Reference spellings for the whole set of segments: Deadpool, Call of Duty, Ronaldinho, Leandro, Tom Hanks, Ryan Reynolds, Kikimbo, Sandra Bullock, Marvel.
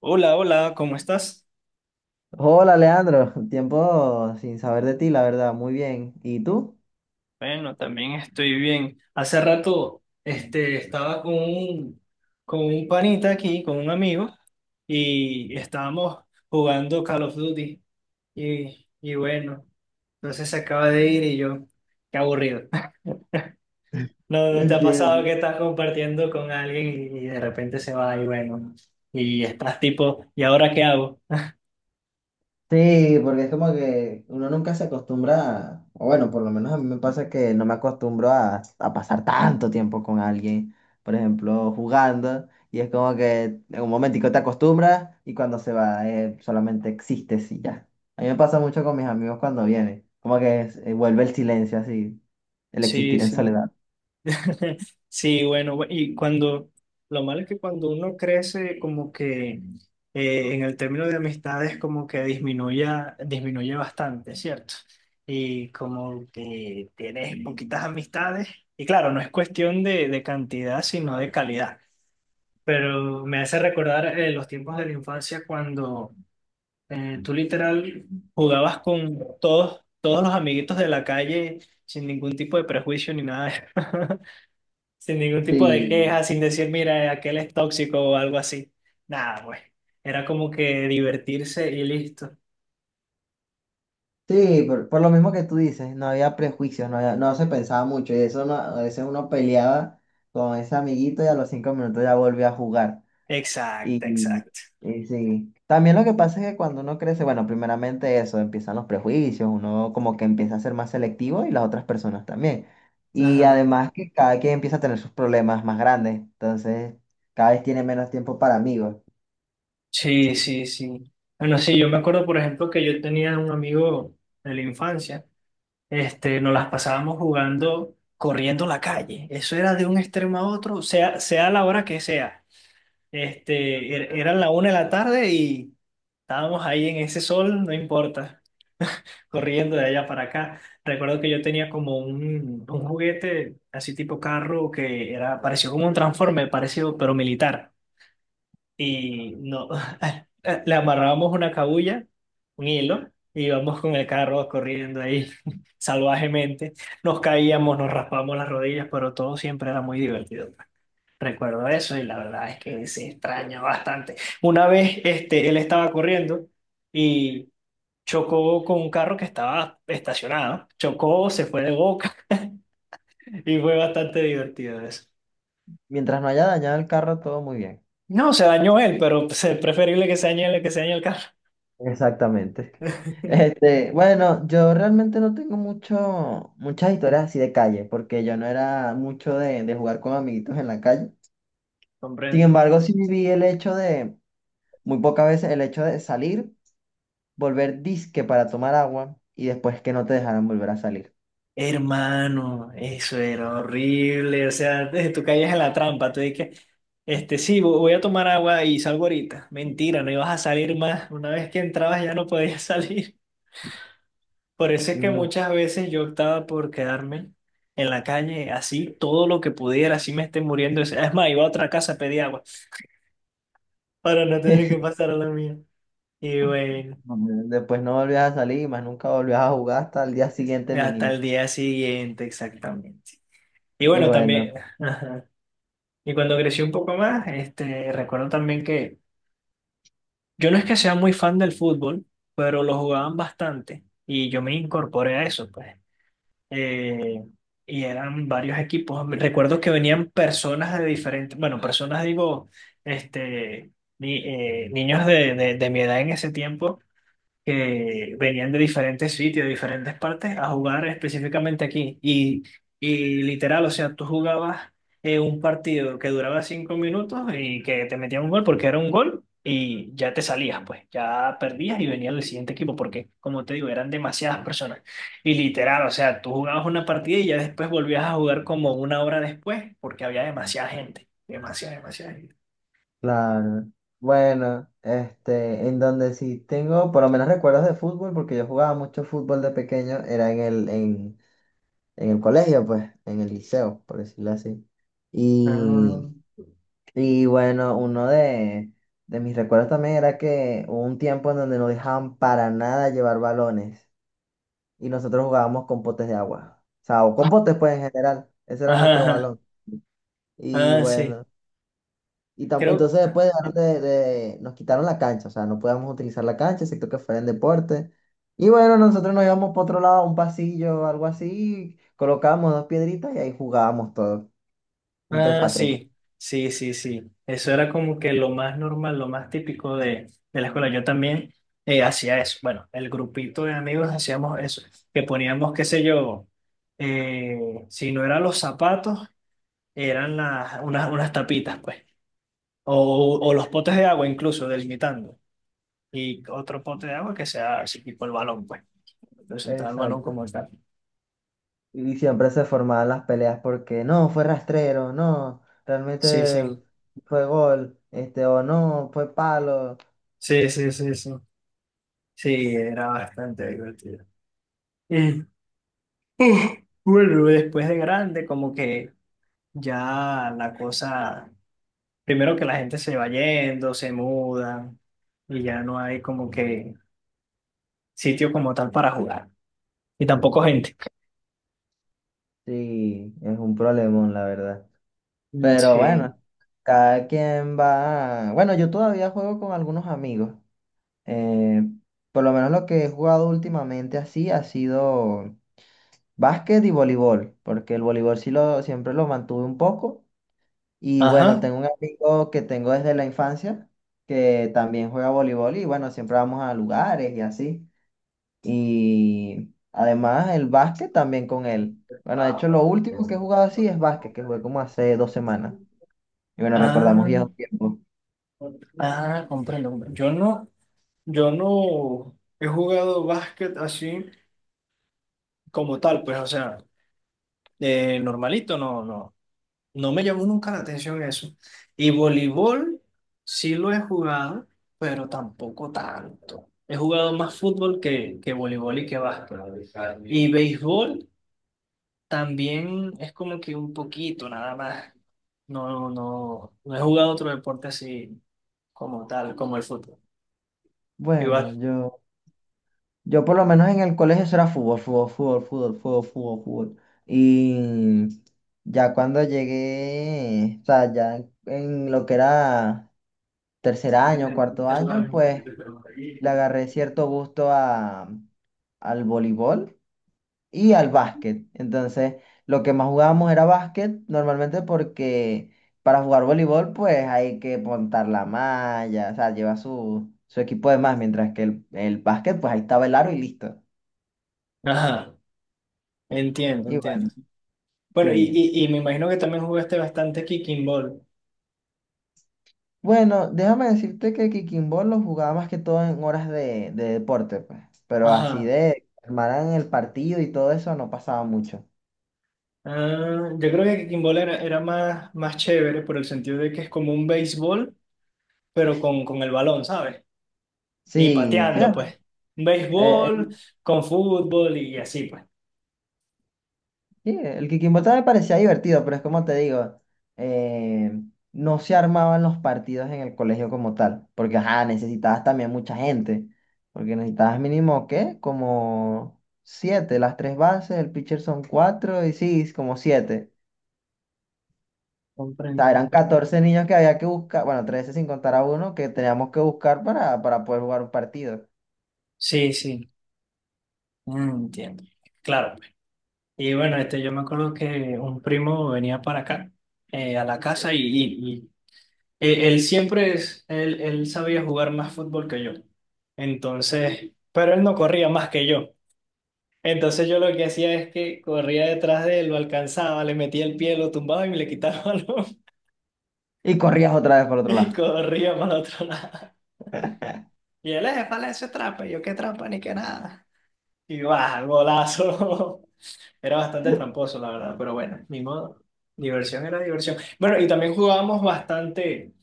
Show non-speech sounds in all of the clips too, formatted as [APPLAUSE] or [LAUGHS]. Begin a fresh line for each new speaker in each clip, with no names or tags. Hola, hola, ¿cómo estás?
Hola, Leandro. Tiempo sin saber de ti, la verdad. Muy bien. ¿Y tú?
Bueno, también estoy bien. Hace rato estaba con con un panita aquí, con un amigo, y estábamos jugando Call of Duty. Y bueno, entonces se acaba de ir y yo, qué aburrido. [LAUGHS] ¿No, no te ha pasado
Entiendo.
que estás compartiendo con alguien y de repente se va y bueno, y estás tipo, ¿y ahora qué hago?
Sí, porque es como que uno nunca se acostumbra, o bueno, por lo menos a mí me pasa que no me acostumbro a pasar tanto tiempo con alguien, por ejemplo, jugando, y es como que en un momentico te acostumbras y cuando se va, solamente existes y ya. A mí me pasa mucho con mis amigos cuando vienen, como que vuelve el silencio así, el
Sí,
existir en
sí.
soledad.
[LAUGHS] Sí, bueno, y cuando, lo malo es que cuando uno crece, como que en el término de amistades, como que disminuye bastante, ¿cierto? Y como que tienes poquitas amistades, y claro, no es cuestión de cantidad, sino de calidad. Pero me hace recordar los tiempos de la infancia cuando tú literal jugabas con todos los amiguitos de la calle sin ningún tipo de prejuicio ni nada. [LAUGHS] Sin ningún tipo de
Sí.
queja, sin decir, mira, aquel es tóxico o algo así. Nada, pues. Era como que divertirse y listo.
Sí, por lo mismo que tú dices, no había prejuicios, no se pensaba mucho y eso a veces uno peleaba con ese amiguito y a los 5 minutos ya volvía a jugar.
Exacto,
Y,
exacto.
y sí, también lo que pasa es que cuando uno crece, bueno, primeramente eso, empiezan los prejuicios, uno como que empieza a ser más selectivo y las otras personas también. Y
Ajá.
además que cada quien empieza a tener sus problemas más grandes, entonces cada vez tiene menos tiempo para amigos.
Sí, sí, sí. Bueno, sí, yo me acuerdo, por ejemplo, que yo tenía un amigo de la infancia. Este, nos las pasábamos jugando, corriendo la calle. Eso era de un extremo a otro, sea, sea la hora que sea. Este, eran la 1 de la tarde y estábamos ahí en ese sol, no importa. Corriendo de allá para acá. Recuerdo que yo tenía como un juguete así tipo carro que era parecido como un transforme parecido, pero militar. Y no, [LAUGHS] le amarrábamos una cabulla, un hilo, y íbamos con el carro corriendo ahí [LAUGHS] salvajemente. Nos caíamos, nos raspamos las rodillas, pero todo siempre era muy divertido. Recuerdo eso y la verdad es que se extraña bastante. Una vez él estaba corriendo y chocó con un carro que estaba estacionado. Chocó, se fue de boca [LAUGHS] y fue bastante divertido eso.
Mientras no haya dañado el carro, todo muy bien.
No, se dañó él, pero pues, es preferible que se dañe él que se dañe el carro.
Exactamente.
[LAUGHS]
Bueno, yo realmente no tengo mucho, muchas historias así de calle, porque yo no era mucho de jugar con amiguitos en la calle. Sin
Comprende.
embargo, sí viví el hecho de, muy pocas veces, el hecho de salir, volver disque para tomar agua y después que no te dejaran volver a salir.
Hermano, eso era horrible. O sea, desde tú caías en la trampa. Tú dices, este, sí, voy a tomar agua y salgo ahorita. Mentira, no ibas a salir más. Una vez que entrabas ya no podías [LAUGHS] salir. Por eso es que
Nunca.
muchas veces yo optaba por quedarme en la calle, así todo lo que pudiera, así me esté muriendo. Es más, iba a otra casa a pedir agua para no tener que
[LAUGHS]
pasar a la mía. Y bueno,
Después no volvías a salir y más nunca volvías a jugar hasta el día siguiente
hasta
mínimo.
el día siguiente, exactamente. Y
Y
bueno, también,
bueno.
ajá. Y cuando crecí un poco más, este, recuerdo también que yo no es que sea muy fan del fútbol, pero lo jugaban bastante y yo me incorporé a eso, pues. eh, y eran varios equipos. Recuerdo que venían personas de diferentes, bueno, personas digo, este, niños de mi edad en ese tiempo que venían de diferentes sitios, de diferentes partes, a jugar específicamente aquí. Y literal, o sea, tú jugabas un partido que duraba 5 minutos y que te metían un gol porque era un gol y ya te salías, pues, ya perdías y venía el siguiente equipo porque, como te digo, eran demasiadas personas. Y literal, o sea, tú jugabas una partida y ya después volvías a jugar como una hora después porque había demasiada gente, demasiada, demasiada gente.
Claro. Bueno, en donde sí tengo por lo menos recuerdos de fútbol, porque yo jugaba mucho fútbol de pequeño, era en el colegio, pues, en el liceo, por decirlo así.
Ah,
Y, y bueno, uno de mis recuerdos también era que hubo un tiempo en donde no dejaban para nada llevar balones y nosotros jugábamos con potes de agua. O sea, o con
[LAUGHS]
potes, pues, en general. Ese era
ajá,
nuestro
ajá.
balón. Y
Ah, sí,
bueno. Y
creo.
entonces
Ah,
después dejaron nos quitaron la cancha, o sea, no podíamos utilizar la cancha, excepto que fuera en deporte. Y bueno, nosotros nos íbamos por otro lado, a un pasillo o algo así, colocábamos dos piedritas y ahí jugábamos todo, un tres
ah,
para tres.
sí, sí, sí, sí. Eso era como que lo más normal, lo más típico de la escuela. Yo también hacía eso. Bueno, el grupito de amigos hacíamos eso, que poníamos, qué sé yo, eh, si no eran los zapatos, eran unas, unas tapitas, pues. O los potes de agua incluso, delimitando. Y otro pote de agua que sea así tipo el balón, pues. Representar el balón
Exacto.
como tal.
Y siempre se formaban las peleas porque no, fue rastrero, no,
Sí,
realmente
sí,
fue gol, o no, fue palo.
sí, sí, sí, sí. Sí, era bastante divertido. [LAUGHS] Uf, bueno, después de grande, como que ya la cosa, primero que la gente se va yendo, se muda y ya no hay como que sitio como tal para jugar y tampoco gente.
Sí, es un problemón, la verdad.
Mm,
Pero bueno,
sí.
cada quien va. Bueno, yo todavía juego con algunos amigos. Eh, por lo menos lo que he jugado últimamente así ha sido básquet y voleibol, porque el voleibol sí siempre lo mantuve un poco. Y bueno,
Ajá.
tengo un amigo que tengo desde la infancia que también juega voleibol y bueno, siempre vamos a lugares y así. Y además el básquet también con él. Bueno, de hecho lo último que he jugado así es básquet, que jugué como hace 2 semanas. Y bueno, recordamos
Ah,
viejos tiempos.
ah, comprendo. Yo no he jugado básquet así como tal, pues, o sea, normalito, no, no. No me llamó nunca la atención eso. Y voleibol sí lo he jugado, pero tampoco tanto. He jugado más fútbol que voleibol y que básquet. Y béisbol también es como que un poquito, nada más. No, no, no he jugado otro deporte así como tal, como el fútbol.
Bueno,
Igual.
Yo por lo menos en el colegio eso era fútbol, fútbol, fútbol, fútbol, fútbol, fútbol, fútbol. Y ya cuando llegué, o sea, ya en lo que era tercer año, cuarto año, pues le agarré cierto gusto al voleibol y al básquet. Entonces, lo que más jugábamos era básquet, normalmente porque para jugar voleibol, pues hay que montar la malla, o sea, lleva su, su equipo de más, mientras que el básquet, pues ahí estaba el aro y listo.
Ajá, entiendo, entiendo.
Igual.
Bueno,
Sí.
y me imagino que también jugaste bastante kicking ball.
Bueno, déjame decirte que Kikimbo lo jugaba más que todo en horas de deporte, pues. Pero así
Ajá.
de armaran el partido y todo eso no pasaba mucho.
Ah, yo creo que kimball era, era más, más chévere por el sentido de que es como un béisbol, pero con el balón, ¿sabes? Y
Sí, sí,
pateando, pues. Un
eh,
béisbol
el,
con fútbol y así, pues.
sí, el Kikimbo también me parecía divertido, pero es como te digo, eh, no se armaban los partidos en el colegio como tal, porque ajá, necesitabas también mucha gente, porque necesitabas mínimo, ¿qué? Como siete, las tres bases, el pitcher son cuatro y sí, como siete. Sea,
Comprendo,
eran
comprendo.
14 niños que había que buscar, bueno, 13 sin contar a uno, que teníamos que buscar para poder jugar un partido.
Sí, sí, mm, entiendo. Claro, pues. Y bueno, este, yo me acuerdo que un primo venía para acá, a la casa, y, él sabía jugar más fútbol que yo. Entonces, pero él no corría más que yo. Entonces yo lo que hacía es que corría detrás de él, lo alcanzaba, le metía el pie, lo tumbaba y me le quitaba el balón
Y corrías otra vez por
[LAUGHS]
otro
y
lado.
corría para el otro lado. Y él, vale, eso es trampa. Y yo, qué trampa ni qué nada. Y va, golazo. [LAUGHS] Era bastante tramposo, la verdad, pero bueno, ni modo. Diversión era diversión. Bueno, y también jugábamos bastante,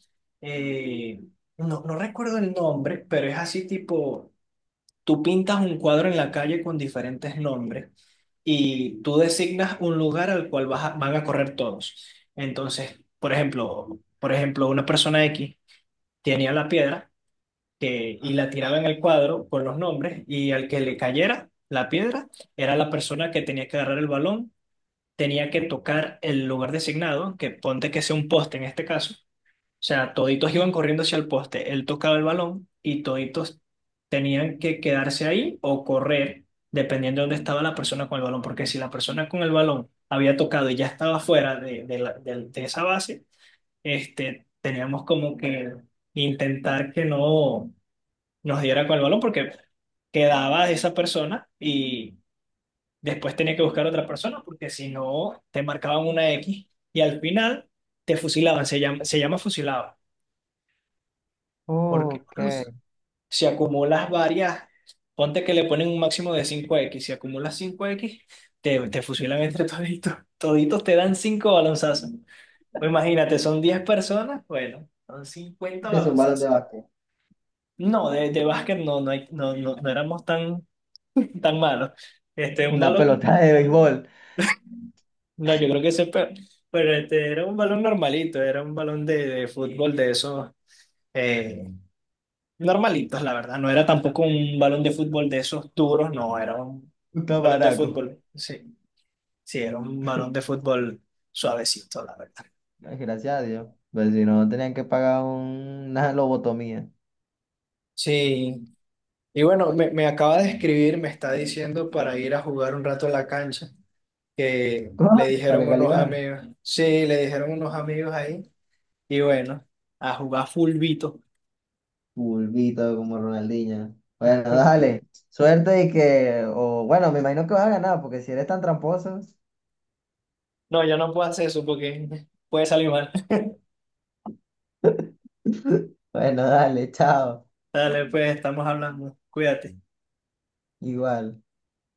eh, no, no recuerdo el nombre, pero es así tipo, tú pintas un cuadro en la calle con diferentes nombres. Y tú designas un lugar al cual van a correr todos. Entonces, por ejemplo, una persona X tenía la piedra y la tiraba en el cuadro con los nombres y al que le cayera la piedra era la persona que tenía que agarrar el balón, tenía que tocar el lugar designado, que ponte que sea un poste en este caso, o sea, toditos iban corriendo hacia el poste. Él tocaba el balón y toditos tenían que quedarse ahí o correr, dependiendo de dónde estaba la persona con el balón. Porque si la persona con el balón había tocado y ya estaba fuera de esa base, este, teníamos como que intentar que no nos diera con el balón porque quedaba esa persona y después tenía que buscar otra persona porque si no, te marcaban una X y al final te fusilaban. Se llama fusilado. Porque
Ok.
si acumulas varias, ponte que le ponen un máximo de cinco X. Si acumulas cinco X te fusilan entre toditos. Toditos te dan 5 balonzazos. Pues imagínate, son 10 personas, bueno, son 50
Es un balón de
balonzazos.
básquet.
No, de básquet no, no, no, no, no éramos tan, [LAUGHS] tan malos. Este, un
Una
balón,
pelota de béisbol.
no, yo creo que ese, pero este, era un balón normalito, era un balón de fútbol de esos. Eh, normalitos, la verdad. No era tampoco un balón de fútbol de esos duros, no, era un
Un
balón de
tamaraco.
fútbol. Sí, sí, era un balón de fútbol suavecito, la verdad.
Ay, gracias a Dios. Pues si no, tenían que pagar una lobotomía.
Sí, y bueno, me acaba de escribir, me está diciendo para ir a jugar un rato a la cancha, que
Ah,
le
la
dijeron unos
legalidad.
amigos, sí, le dijeron unos amigos ahí, y bueno, a jugar fulbito.
Pulvito como Ronaldinho. Bueno,
[LAUGHS]
dale. Suerte y que, o bueno, me imagino que vas a ganar, porque si eres tan tramposo.
No, yo no puedo hacer eso porque [LAUGHS] puede salir mal. [LAUGHS]
[LAUGHS] Bueno, dale, chao.
Dale, pues estamos hablando, cuídate.
Igual.